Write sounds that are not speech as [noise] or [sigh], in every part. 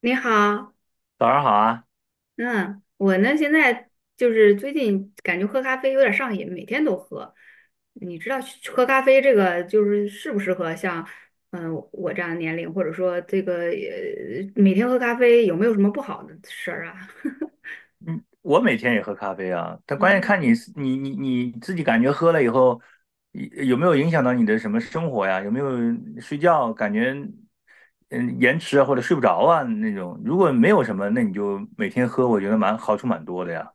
你好，早上好啊。嗯，我呢现在就是最近感觉喝咖啡有点上瘾，每天都喝。你知道去喝咖啡这个就是适不适合像我这样的年龄，或者说这个每天喝咖啡有没有什么不好的事儿啊？嗯，我每天也喝咖啡啊，但关键 [laughs] 看你是你你你自己感觉喝了以后，有没有影响到你的什么生活呀？有没有睡觉感觉嗯延迟啊或者睡不着啊那种？如果没有什么，那你就每天喝，我觉得蛮好处蛮多的呀。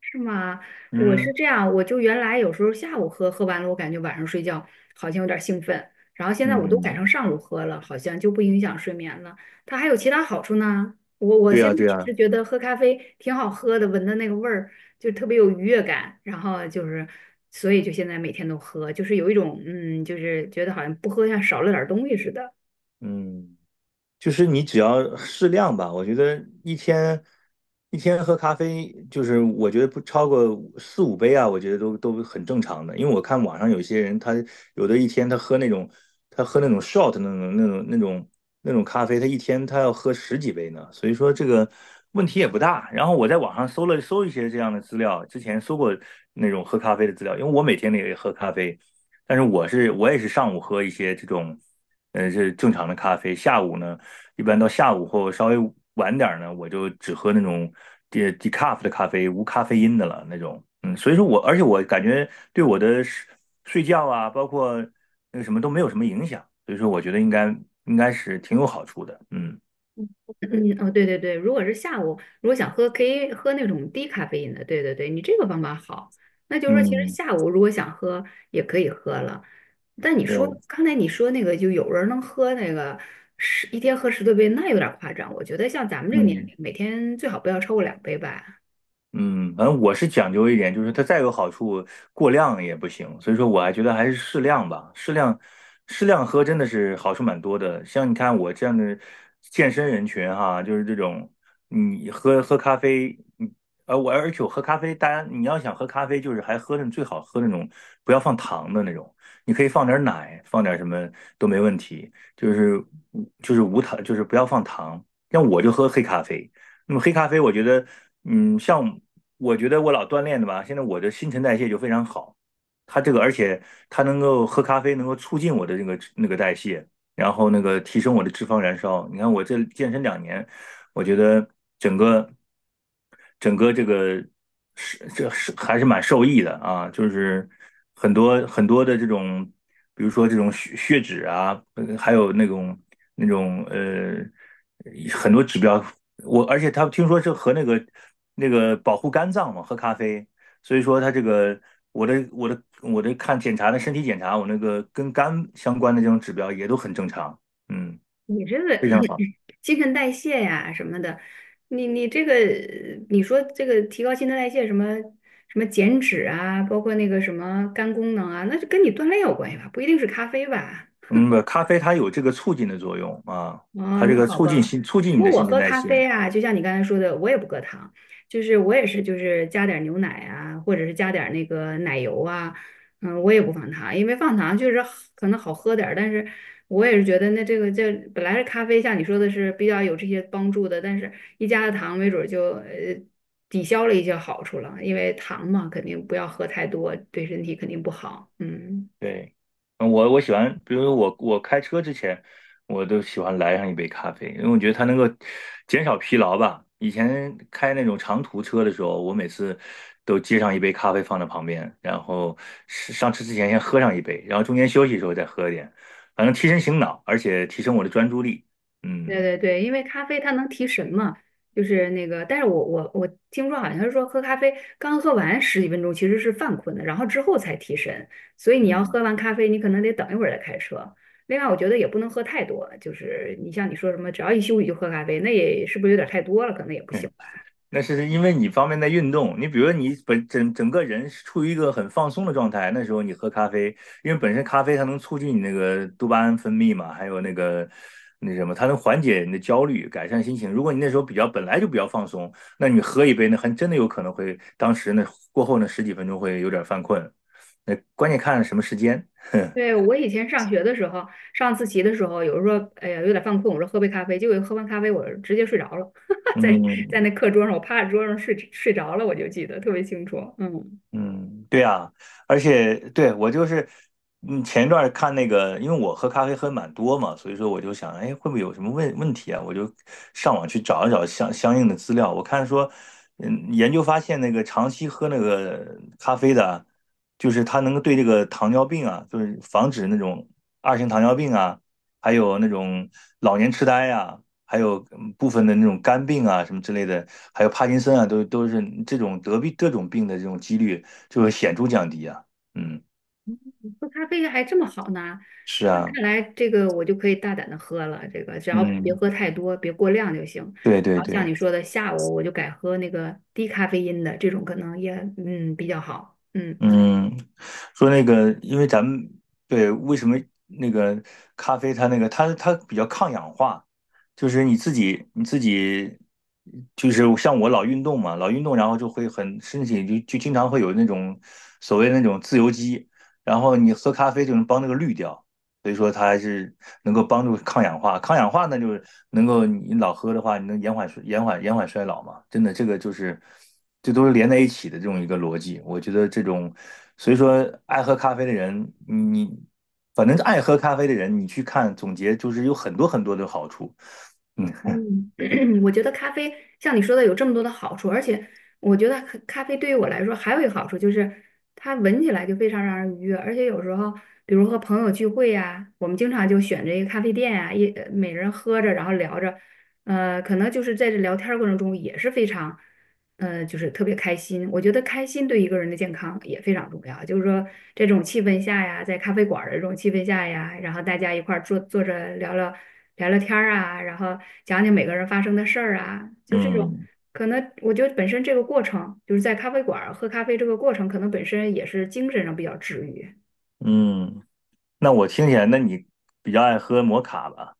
是吗？我是嗯这样，我就原来有时候下午喝，喝完了我感觉晚上睡觉好像有点兴奋，然后现在我都改嗯，成上午喝了，好像就不影响睡眠了。它还有其他好处呢。我对现呀在对只呀，是觉得喝咖啡挺好喝的，闻的那个味儿就特别有愉悦感，然后就是所以就现在每天都喝，就是有一种就是觉得好像不喝像少了点儿东西似的。嗯。就是你只要适量吧，我觉得一天喝咖啡，就是我觉得不超过四五杯啊，我觉得都很正常的。因为我看网上有些人，他有的一天他喝那种 shot 那种咖啡，他一天要喝十几杯呢，所以说这个问题也不大。然后我在网上搜了搜一些这样的资料，之前搜过那种喝咖啡的资料，因为我每天也喝咖啡，但是我也是上午喝一些这种。是正常的咖啡。下午呢，一般到下午或稍微晚点儿呢，我就只喝那种 decaf 的咖啡，无咖啡因的了那种。嗯，所以说我，而且我感觉对我的睡觉啊，包括那个什么都没有什么影响，所以说我觉得应该是挺有好处的。嗯嗯，哦，对对对，如果是下午，如果想喝，可以喝那种低咖啡因的。对对对，你这个方法好。那就是说，其实嗯，下午如果想喝，也可以喝了。但你对，说刚才你说那个，就有人能喝那个十一天喝十多杯，那有点夸张。我觉得像咱们这个年嗯。龄，每天最好不要超过两杯吧。嗯，反正我是讲究一点，就是它再有好处，过量也不行。所以说，我还觉得还是适量吧，适量，适量喝真的是好处蛮多的。像你看我这样的健身人群哈，就是这种，你喝咖啡，而且我喝咖啡，大家你要想喝咖啡，就是还喝那最好喝那种不要放糖的那种，你可以放点奶，放点什么都没问题，就是就是无糖，就是不要放糖。像我就喝黑咖啡。那么黑咖啡，我觉得，像我觉得我老锻炼的吧，现在我的新陈代谢就非常好。它这个，而且它能够喝咖啡，能够促进我的那个代谢，然后那个提升我的脂肪燃烧。你看我这健身2年，我觉得整个整个这个是这是还是蛮受益的啊，就是很多很多的这种，比如说这种血脂啊，还有那种那种呃很多指标，而且他听说是和那个保护肝脏嘛，喝咖啡，所以说他这个我的看检查的身体检查，我那个跟肝相关的这种指标也都很正常，嗯，你这个非常好。新陈代谢呀什么的，你这个你说这个提高新陈代谢什么什么减脂啊，包括那个什么肝功能啊，那就跟你锻炼有关系吧，不一定是咖啡吧。嗯，不，咖啡它有这个促进的作用啊，它哦，这那个好吧。促进不你过的我新陈喝代咖谢。啡啊，就像你刚才说的，我也不搁糖，就是我也是就是加点儿牛奶啊，或者是加点儿那个奶油啊，我也不放糖，因为放糖就是好可能好喝点儿但是我也是觉得那这个这本来是咖啡，像你说的是比较有这些帮助的，但是一加了糖，没准儿就抵消了一些好处了，因为糖嘛，肯定不要喝太多，对身体肯定不好，嗯。对。我喜欢，比如说我开车之前，我都喜欢来上一杯咖啡，因为我觉得它能够减少疲劳吧。以前开那种长途车的时候，我每次都接上一杯咖啡放在旁边，然后是上车之前先喝上一杯，然后中间休息的时候再喝一点，反正提神醒脑，而且提升我的专注力。对嗯对对，因为咖啡它能提神嘛，就是那个，但是我听说好像是说喝咖啡刚喝完十几分钟其实是犯困的，然后之后才提神，所以你要嗯。喝完咖啡，你可能得等一会儿再开车。另外，我觉得也不能喝太多，就是你像你说什么，只要一休息就喝咖啡，那也是不是有点太多了？可能也不行吧。那是因为你方面在运动，你比如说你整个人是处于一个很放松的状态，那时候你喝咖啡，因为本身咖啡它能促进你那个多巴胺分泌嘛，还有那个那什么，它能缓解你的焦虑，改善心情。如果你那时候比较本来就比较放松，那你喝一杯，那还真的有可能会当时那过后那十几分钟会有点犯困，那关键看什么时间。[laughs] 对，我以前上学的时候，上自习的时候，有时候哎呀有点犯困，我说喝杯咖啡，结果喝完咖啡我直接睡着了，[laughs] 在在嗯那课桌上，我趴在桌上睡着了，我就记得特别清楚，嗯。嗯，对啊，而且对我就是，前一段儿看那个，因为我喝咖啡喝蛮多嘛，所以说我就想，哎，会不会有什么问题啊？我就上网去找一找相应的资料。我看说，研究发现那个长期喝那个咖啡的啊，就是它能够对这个糖尿病啊，就是防止那种2型糖尿病啊，还有那种老年痴呆啊，还有部分的那种肝病啊什么之类的，还有帕金森啊，都是这种得病这种病的这种几率。就会显著降低啊。嗯，喝咖啡还这么好呢？是那啊，看来这个我就可以大胆的喝了，这个只要别嗯，喝太多，别过量就行。对对然后像对。你说的，下午我就改喝那个低咖啡因的，这种可能也比较好。嗯。嗯，说那个，因为咱们，对，为什么那个咖啡它那个它比较抗氧化，就是你自己就是像我老运动嘛，老运动然后就会很身体就经常会有那种所谓那种自由基，然后你喝咖啡就能帮那个滤掉。所以说它还是能够帮助抗氧化。抗氧化呢，就是能够你老喝的话，你能延缓衰老嘛？真的，这个就是这都是连在一起的这种一个逻辑。我觉得这种，所以说爱喝咖啡的人，你反正爱喝咖啡的人，你去看总结，就是有很多很多的好处。嗯嗯，[clears throat] 我觉得咖啡像你说的有这么多的好处，而且我觉得咖啡对于我来说还有一个好处就是它闻起来就非常让人愉悦，而且有时候比如和朋友聚会呀、我们经常就选着一个咖啡店呀、每人喝着然后聊着，可能就是在这聊天儿过程中也是非常就是特别开心。我觉得开心对一个人的健康也非常重要。就是说，这种气氛下呀，在咖啡馆儿的这种气氛下呀，然后大家一块儿坐着聊聊天儿啊，然后讲讲每个人发生的事儿啊，就这种。嗯可能我觉得本身这个过程，就是在咖啡馆儿喝咖啡这个过程，可能本身也是精神上比较治愈。嗯。那我听起来，那你比较爱喝摩卡吧？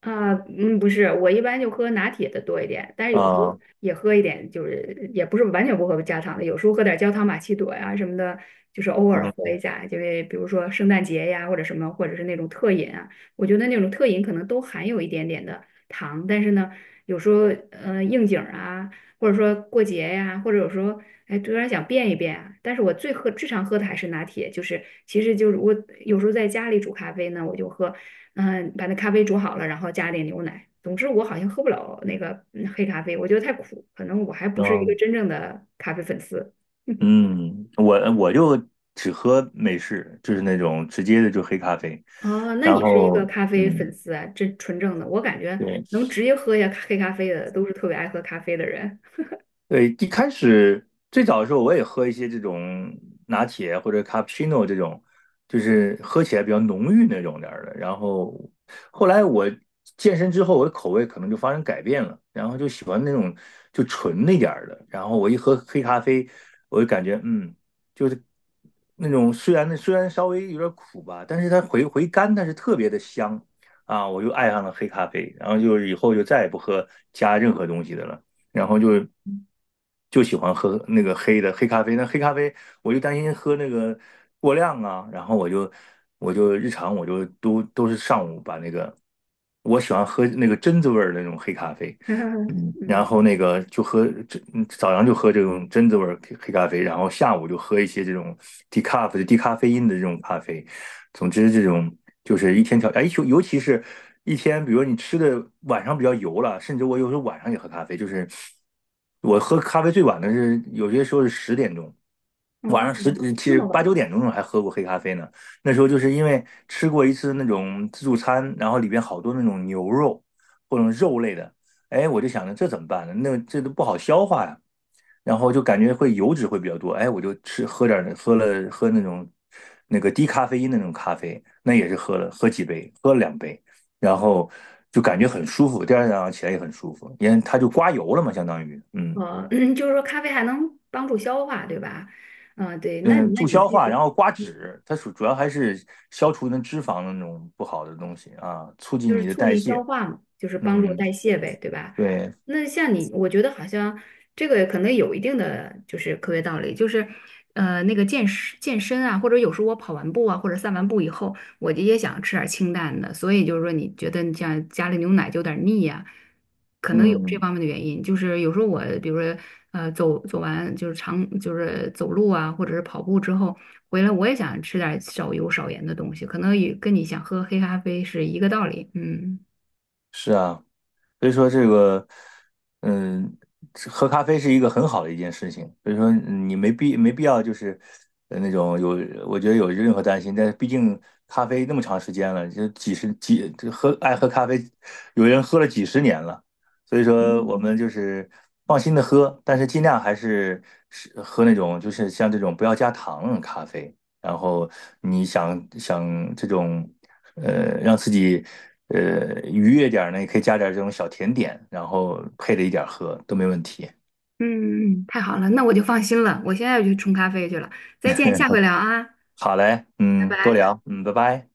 啊，嗯，不是，我一般就喝拿铁的多一点，但是有时候啊，也喝一点，就是也不是完全不喝加糖的，有时候喝点焦糖玛奇朵呀什么的，就是偶尔喝嗯一下，就是比如说圣诞节呀或者什么，或者是那种特饮啊，我觉得那种特饮可能都含有一点点的糖，但是呢，有时候应景儿啊，或者说过节呀，或者有时候哎突然想变一变啊，但是我最常喝的还是拿铁，就是其实就是我有时候在家里煮咖啡呢，我就喝。把那咖啡煮好了，然后加点牛奶。总之，我好像喝不了那个黑咖啡，我觉得太苦，可能我还不是一个嗯。真正的咖啡粉丝。[laughs] 嗯，我就只喝美式，就是那种直接的就黑咖啡，哦，那然你是一后个咖啡嗯，粉丝啊，这纯正的。我感觉对，能直接喝下黑咖啡的，都是特别爱喝咖啡的人。对，一开始最早的时候，我也喝一些这种拿铁或者 cappuccino 这种，就是喝起来比较浓郁那种点儿的。然后后来我健身之后，我的口味可能就发生改变了，然后就喜欢那种就纯那点儿的。然后我一喝黑咖啡，我就感觉就是那种虽然稍微有点苦吧，但是它回甘，但是特别的香啊，我就爱上了黑咖啡。然后就以后就再也不喝加任何东西的了。然后就喜欢喝那个黑咖啡。那黑咖啡我就担心喝那个过量啊，然后我就日常我就都是上午把那个，我喜欢喝那个榛子味儿的那种黑咖啡，[laughs] 然嗯，后那个就喝这早上就喝这种榛子味儿黑咖啡，然后下午就喝一些这种低咖啡因的这种咖啡。总之，这种就是一天调，哎，尤其是一天，比如你吃的晚上比较油了，甚至我有时候晚上也喝咖啡，就是我喝咖啡最晚的是有些时候是10点钟，晚哦，上十嗯其那实么八晚。九点钟还喝过黑咖啡呢。那时候就是因为吃过一次那种自助餐，然后里边好多那种牛肉或者肉类的，哎，我就想着这怎么办呢？那这都不好消化呀。然后就感觉会油脂会比较多，哎，我就吃喝点儿喝了喝那种那个低咖啡因的那种咖啡，那也是喝了2杯，然后就感觉很舒服，第二天早上起来也很舒服，因为它就刮油了嘛，相当于。嗯哦，[clears throat] 就是说咖啡还能帮助消化，对吧？嗯，对，那你嗯，那助你消这化，个。然后刮脂，它主要还是消除那脂肪的那种不好的东西啊，促就进是你的促代进消谢。化嘛，就是帮助嗯，代谢呗，对吧？对，那像你，我觉得好像这个可能有一定的就是科学道理，就是那个健身健身啊，或者有时候我跑完步啊，或者散完步以后，我就也想吃点儿清淡的，所以就是说你觉得你像加了牛奶就有点腻呀、可能有这嗯，方面的原因，就是有时候我，比如说，走完就是长就是走路啊，或者是跑步之后回来，我也想吃点少油少盐的东西，可能也跟你想喝黑咖啡是一个道理。嗯是啊。所以说这个，嗯，这喝咖啡是一个很好的一件事情。所以说你没必要就是那种，有，我觉得有任何担心。但是毕竟咖啡那么长时间了，就几十几这喝爱喝咖啡，有人喝了几十年了。所以说我们就是放心的喝，但是尽量还是喝那种就是像这种不要加糖的咖啡。然后你想想这种。让自己愉悦点儿呢，也可以加点儿这种小甜点，然后配着一点儿喝都没问题。嗯，太好了，那我就放心了，我现在就去冲咖啡去了。再见，下 [laughs] 回聊啊，好嘞，拜嗯，多拜。聊，嗯，拜拜。